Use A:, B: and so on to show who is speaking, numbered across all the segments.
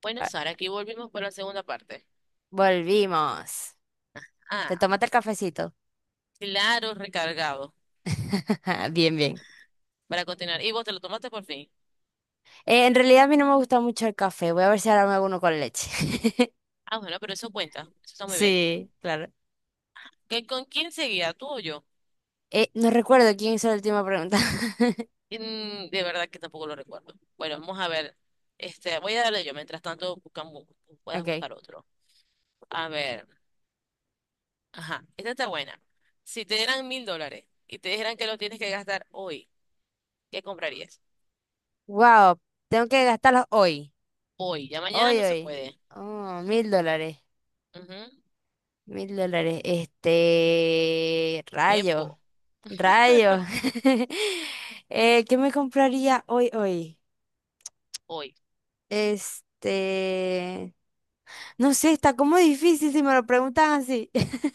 A: Bueno,
B: Ah,
A: Sara, aquí volvimos para la segunda parte.
B: volvimos.
A: Ah,
B: ¿Te tomaste el cafecito?
A: claro, recargado.
B: Bien, bien.
A: Para continuar. ¿Y vos te lo tomaste por fin?
B: En realidad a mí no me gusta mucho el café. Voy a ver si ahora me hago uno con leche.
A: Ah, bueno, pero eso cuenta. Eso está muy bien.
B: Sí, claro.
A: ¿Qué con quién seguía, tú o yo?
B: No recuerdo quién hizo la última pregunta.
A: De verdad que tampoco lo recuerdo. Bueno, vamos a ver. Voy a darle yo. Mientras tanto, buscamos, puedas
B: Ok.
A: buscar otro. A ver. Ajá, esta está buena. Si te dieran $1,000 y te dijeran que lo tienes que gastar hoy, ¿qué comprarías?
B: Wow, tengo que gastarlos hoy.
A: Hoy. Ya mañana
B: Hoy,
A: no se
B: hoy.
A: puede.
B: Oh, mil dólares.
A: Ujú.
B: Mil dólares. Este. Rayo.
A: Tiempo.
B: Rayo. ¿Qué me compraría hoy, hoy?
A: Hoy.
B: Este. No sé, está como difícil si me lo preguntan así.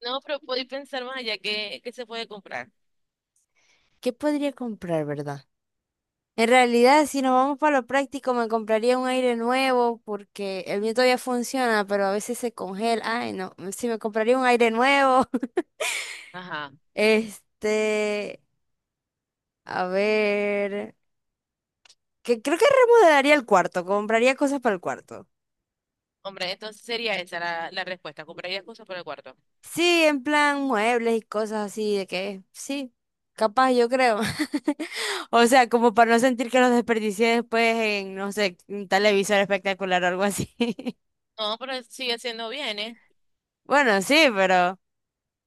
A: No, pero podéis pensar más allá que se puede comprar.
B: ¿Qué podría comprar, verdad? En realidad, si nos vamos para lo práctico, me compraría un aire nuevo porque el mío todavía funciona, pero a veces se congela. Ay, no, si me compraría un aire nuevo.
A: Ajá.
B: Este, a ver, que creo que remodelaría el cuarto, compraría cosas para el cuarto.
A: Hombre, entonces sería esa la respuesta. Compraría cosas para el cuarto.
B: Sí, en plan muebles y cosas así, de que sí, capaz yo creo. O sea, como para no sentir que los desperdicié después en, no sé, un televisor espectacular o algo así.
A: No, pero sigue siendo bien, ¿eh?
B: Bueno, sí, pero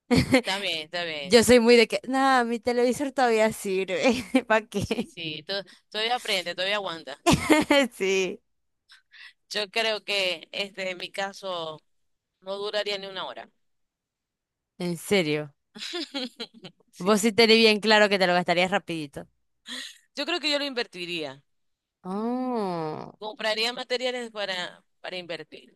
A: Está bien, está bien.
B: yo soy muy de que, no, mi televisor todavía sirve. ¿Para
A: Sí,
B: qué?
A: sí. Todavía aprende, todavía aguanta.
B: Sí,
A: Yo creo que en mi caso, no duraría ni una hora.
B: en serio.
A: Sí.
B: Vos sí tenés bien claro que te lo gastarías rapidito.
A: Yo creo que yo lo invertiría.
B: Oh.
A: Compraría materiales para invertir.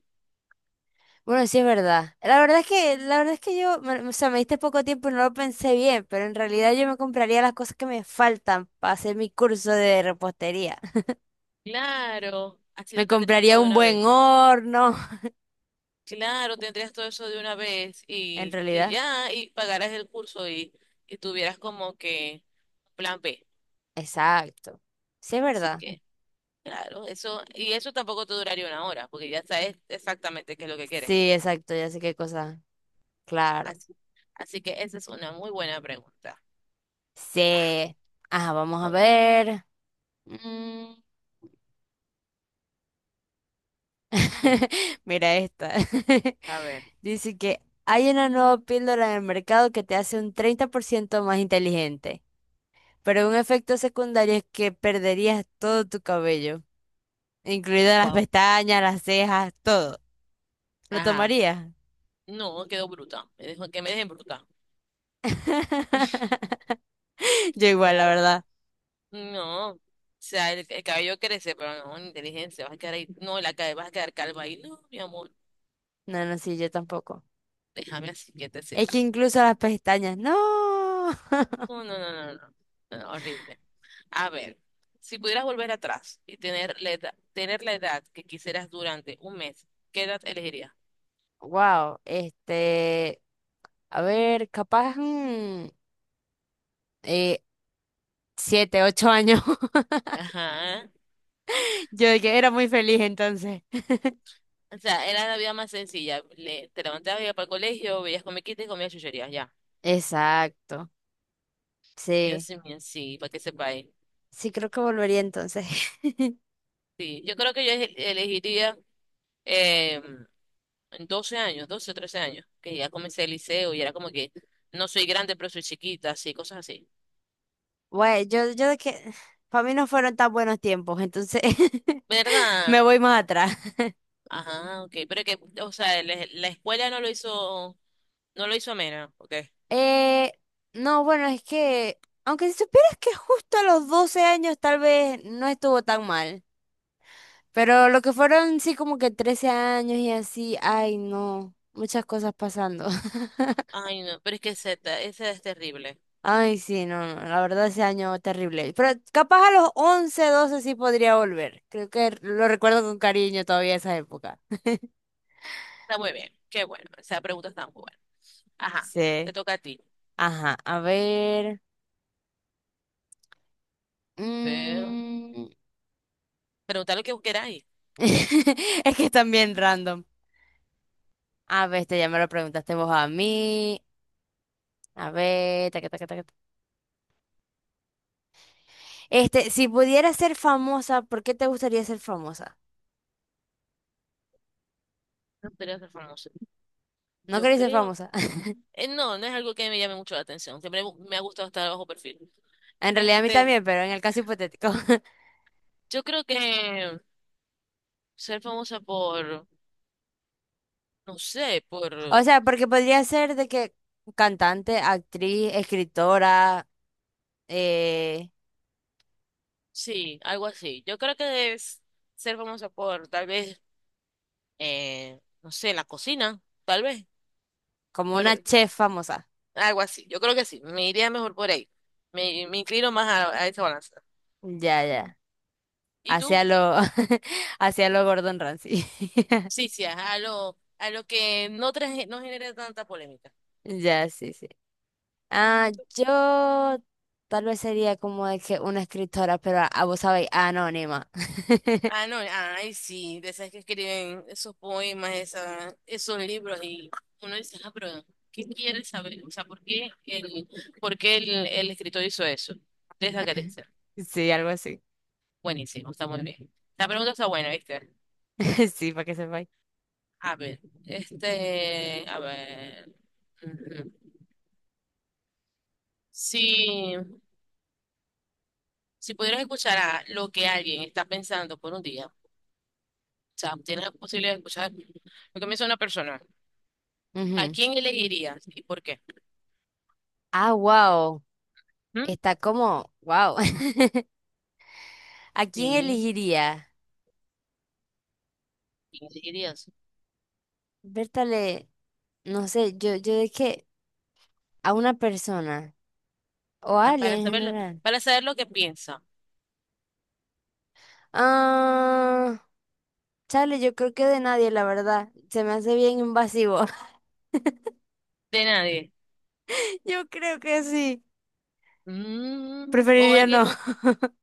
B: Bueno, sí es verdad. La verdad es que, la verdad es que yo, me- o sea, me diste poco tiempo y no lo pensé bien, pero en realidad yo me compraría las cosas que me faltan para hacer mi curso de repostería.
A: Claro, así
B: Me
A: lo tendrías
B: compraría
A: todo de
B: un
A: una vez.
B: buen horno,
A: Claro, tendrías todo eso de una vez
B: en
A: y
B: realidad.
A: ya, y pagarás el curso y tuvieras como que plan B.
B: Exacto. Sí es
A: Así
B: verdad.
A: que, claro, eso, y eso tampoco te duraría una hora, porque ya sabes exactamente qué es lo que quieres.
B: Sí, exacto, ya sé qué cosa. Claro.
A: Así, Así que esa es una muy buena pregunta. Ah.
B: Sí. Ah, vamos a ver. Mm.
A: Sí.
B: Mira esta.
A: A ver,
B: Dice que hay una nueva píldora en el mercado que te hace un 30% más inteligente. Pero un efecto secundario es que perderías todo tu cabello, incluidas las
A: wow.
B: pestañas, las cejas, todo. ¿Lo
A: Ajá.
B: tomarías?
A: No, quedó bruta. Me dejó que me dejen bruta.
B: Yo igual, la
A: No,
B: verdad.
A: no. O sea, el cabello crece, pero no, inteligencia, vas a quedar ahí. No, la cabeza vas a quedar calva ahí. No, mi amor,
B: No, no, sí, yo tampoco.
A: déjame así,
B: Es
A: quietecita.
B: que incluso las pestañas, no.
A: No, no, no, no, no. No, no, horrible. A ver, si pudieras volver atrás y tener la edad que quisieras durante un mes, ¿qué edad elegirías?
B: Wow, este, a ver, capaz, eh, 7, 8 años.
A: Ajá.
B: Yo de que era muy feliz entonces.
A: O sea, era la vida más sencilla. Te levantabas, ibas para el colegio, veías comiquitas y comías chucherías, ya.
B: Exacto, sí,
A: Dios mío, sí, para que sepáis.
B: sí creo que volvería entonces.
A: Sí, yo creo que yo elegiría eh, 12 años, 12 o 13 años, que ya comencé el liceo y era como que no soy grande, pero soy chiquita, así, cosas así.
B: Bueno, yo de que para mí no fueron tan buenos tiempos, entonces
A: ¿Verdad?
B: me voy más atrás.
A: Ajá, ok. Pero que, o sea, la escuela no lo hizo. No lo hizo Mena, ok.
B: Eh, no, bueno, es que, aunque si supieras que justo a los 12 años tal vez no estuvo tan mal, pero lo que fueron sí como que 13 años y así, ay no, muchas cosas pasando.
A: Ay, no, pero es que Z, ese es terrible.
B: Ay sí, no, no, la verdad ese año terrible, pero capaz a los 11 12 sí podría volver, creo que lo recuerdo con cariño todavía esa época.
A: Está muy bien, qué bueno. Esa pregunta está muy buena. Ajá,
B: Sí,
A: te toca a ti.
B: ajá, a ver.
A: Pero,
B: Mm.
A: preguntar lo que vos queráis.
B: Es que están bien random. A ver, este ya me lo preguntaste vos a mí. A ver, taca, taca, taca. Este, si pudieras ser famosa, ¿por qué te gustaría ser famosa?
A: No quería ser famoso.
B: No
A: Yo
B: querés ser
A: creo.
B: famosa.
A: No, no es algo que me llame mucho la atención. Siempre me ha gustado estar bajo perfil.
B: En realidad a mí
A: Este,
B: también, pero en el caso hipotético.
A: yo creo que ser famosa por, no sé,
B: O
A: por,
B: sea, porque podría ser de que cantante, actriz, escritora, eh,
A: sí, algo así. Yo creo que es ser famosa por, tal vez, no sé, la cocina, tal vez.
B: como
A: Por,
B: una chef famosa.
A: algo así. Yo creo que sí. Me iría mejor por ahí. Me inclino más a esa balanza.
B: Ya, ya.
A: ¿Y tú?
B: Hacia lo, hacia lo Gordon Ramsay.
A: Sí, sí, a lo que no, traje, no genera tanta polémica.
B: Ya, sí, sí. Ah,
A: ¿Y tú?
B: yo tal vez sería como de que una escritora, pero a vos sabéis, anónima.
A: Ah, no, ay, sí, de esas que escriben esos poemas, esos libros, y uno dice, ah, pero ¿qué quieres saber? O sea, ¿el escritor hizo eso? De esa carencia.
B: Sí, algo así.
A: Buenísimo, está muy bien. La pregunta está buena, ¿viste?
B: Sí, para que sepáis.
A: A ver, a ver. Ujú. Sí. Si pudieras escuchar a lo que alguien está pensando por un día, o sea, tienes la posibilidad de escuchar lo que piensa una persona, ¿a
B: Ujú.
A: quién elegirías y por qué?
B: Ah, wow.
A: ¿Mm?
B: Está como, wow. ¿A quién
A: Sí,
B: elegiría?
A: ¿quién elegirías?
B: Bertale, no sé, yo de que a una persona o a
A: Ah,
B: alguien en general.
A: para saber lo que piensa
B: Ah, chale, yo creo que de nadie, la verdad. Se me hace bien invasivo.
A: de nadie.
B: Yo creo que sí.
A: Mm, o
B: Preferiría no.
A: alguien,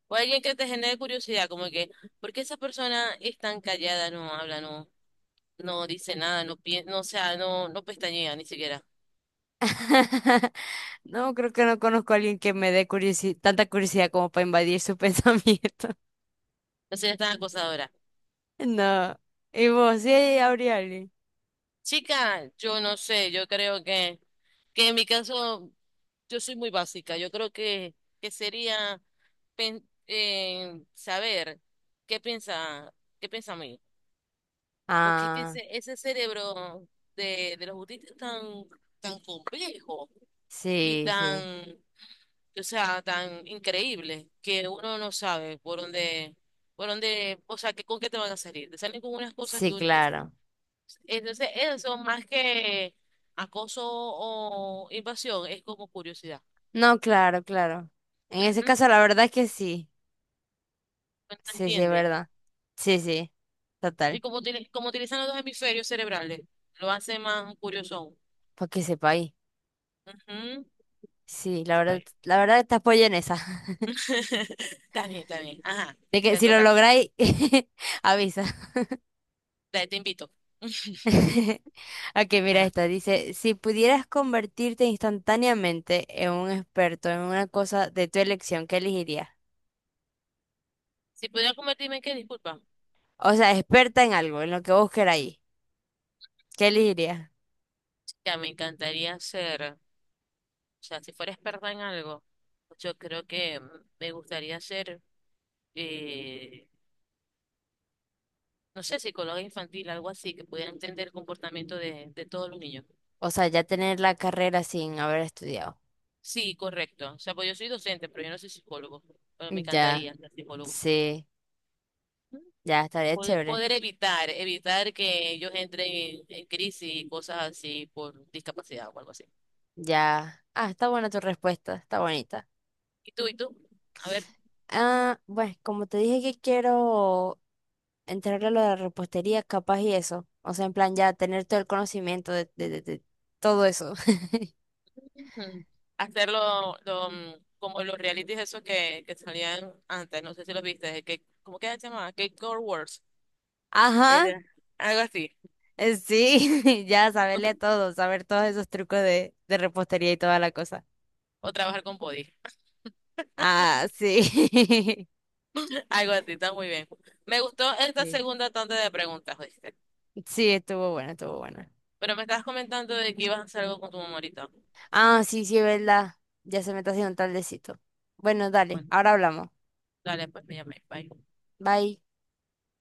A: o alguien que te genere curiosidad, como que, ¿por qué esa persona es tan callada, no habla, no, no dice nada, no piensa, no, o sea, no, no pestañea ni siquiera,
B: No, creo que no conozco a alguien que me dé curiosi- tanta curiosidad como para invadir su pensamiento.
A: no sería tan acosadora?
B: No. ¿Y vos? Sí, habría alguien.
A: Chica, yo no sé, yo creo que en mi caso. Yo soy muy básica. Yo creo que sería saber qué piensa, qué piensa mí. Porque es que
B: Ah,
A: ese cerebro de los autistas es tan, tan complejo y
B: sí, sí.
A: o sea, tan increíble que uno no sabe por dónde, o sea, con qué te van a salir. Te salen con unas cosas que
B: Sí,
A: uno,
B: claro.
A: entonces eso más que acoso o invasión es como curiosidad.
B: No, claro, claro. En ese
A: ¿Mm?
B: caso, la verdad es que sí.
A: ¿No
B: Sí, sí, es
A: entiendes?
B: verdad. Sí, sí.
A: Y
B: Total.
A: como, tiene como utilizan los dos hemisferios cerebrales, lo hace más curioso aún.
B: Para que sepa ahí.
A: Ujú.
B: Sí,
A: Vaya.
B: la verdad te apoyo en esa.
A: Está bien, está bien. Ajá.
B: De que
A: Te
B: si lo
A: toca.
B: lográis, avisa.
A: Dale, te invito.
B: Ok, mira
A: Ajá.
B: esta. Dice, si pudieras convertirte instantáneamente en un experto en una cosa de tu elección, ¿qué elegirías?
A: Si pudiera convertirme en qué, disculpa.
B: O sea, experta en algo, en lo que vos queráis. ¿Qué elegirías?
A: Ya me encantaría ser, o sea, si fuera experta en algo, yo creo que me gustaría ser, eh, no sé, psicóloga infantil, algo así, que pudiera entender el comportamiento de todos los niños.
B: O sea, ya tener la carrera sin haber estudiado.
A: Sí, correcto. O sea, pues yo soy docente, pero yo no soy psicólogo, pero me
B: Ya,
A: encantaría ser psicólogo.
B: sí, ya estaría
A: Poder,
B: chévere.
A: poder evitar que ellos entren en crisis y cosas así por discapacidad o algo así.
B: Ya. Ah, está buena tu respuesta, está bonita.
A: ¿Y tú, y tú? A ver,
B: Ah, bueno, como te dije que quiero entrarle a lo de la repostería, capaz y eso. O sea, en plan, ya tener todo el conocimiento de, de todo eso.
A: ujú. Hacerlo lo, como los realities esos que salían antes, no sé si los viste, de que, ¿cómo que se llamaba? Cake Core Wars,
B: Ajá,
A: era algo así,
B: sí, ya saberle a todo, saber todos esos trucos de repostería y toda la cosa.
A: o trabajar con body,
B: Ah, sí.
A: algo así, está muy bien. Me gustó esta
B: Sí,
A: segunda tanda de preguntas, ¿viste?
B: sí, estuvo bueno, estuvo bueno.
A: Pero me estabas comentando de que ibas a hacer algo con tu mamá ahorita.
B: Ah, sí, sí, es verdad. Ya se me está haciendo tardecito. Bueno, dale,
A: Bueno,
B: ahora hablamos.
A: dale, pues me llamé, bye.
B: Bye.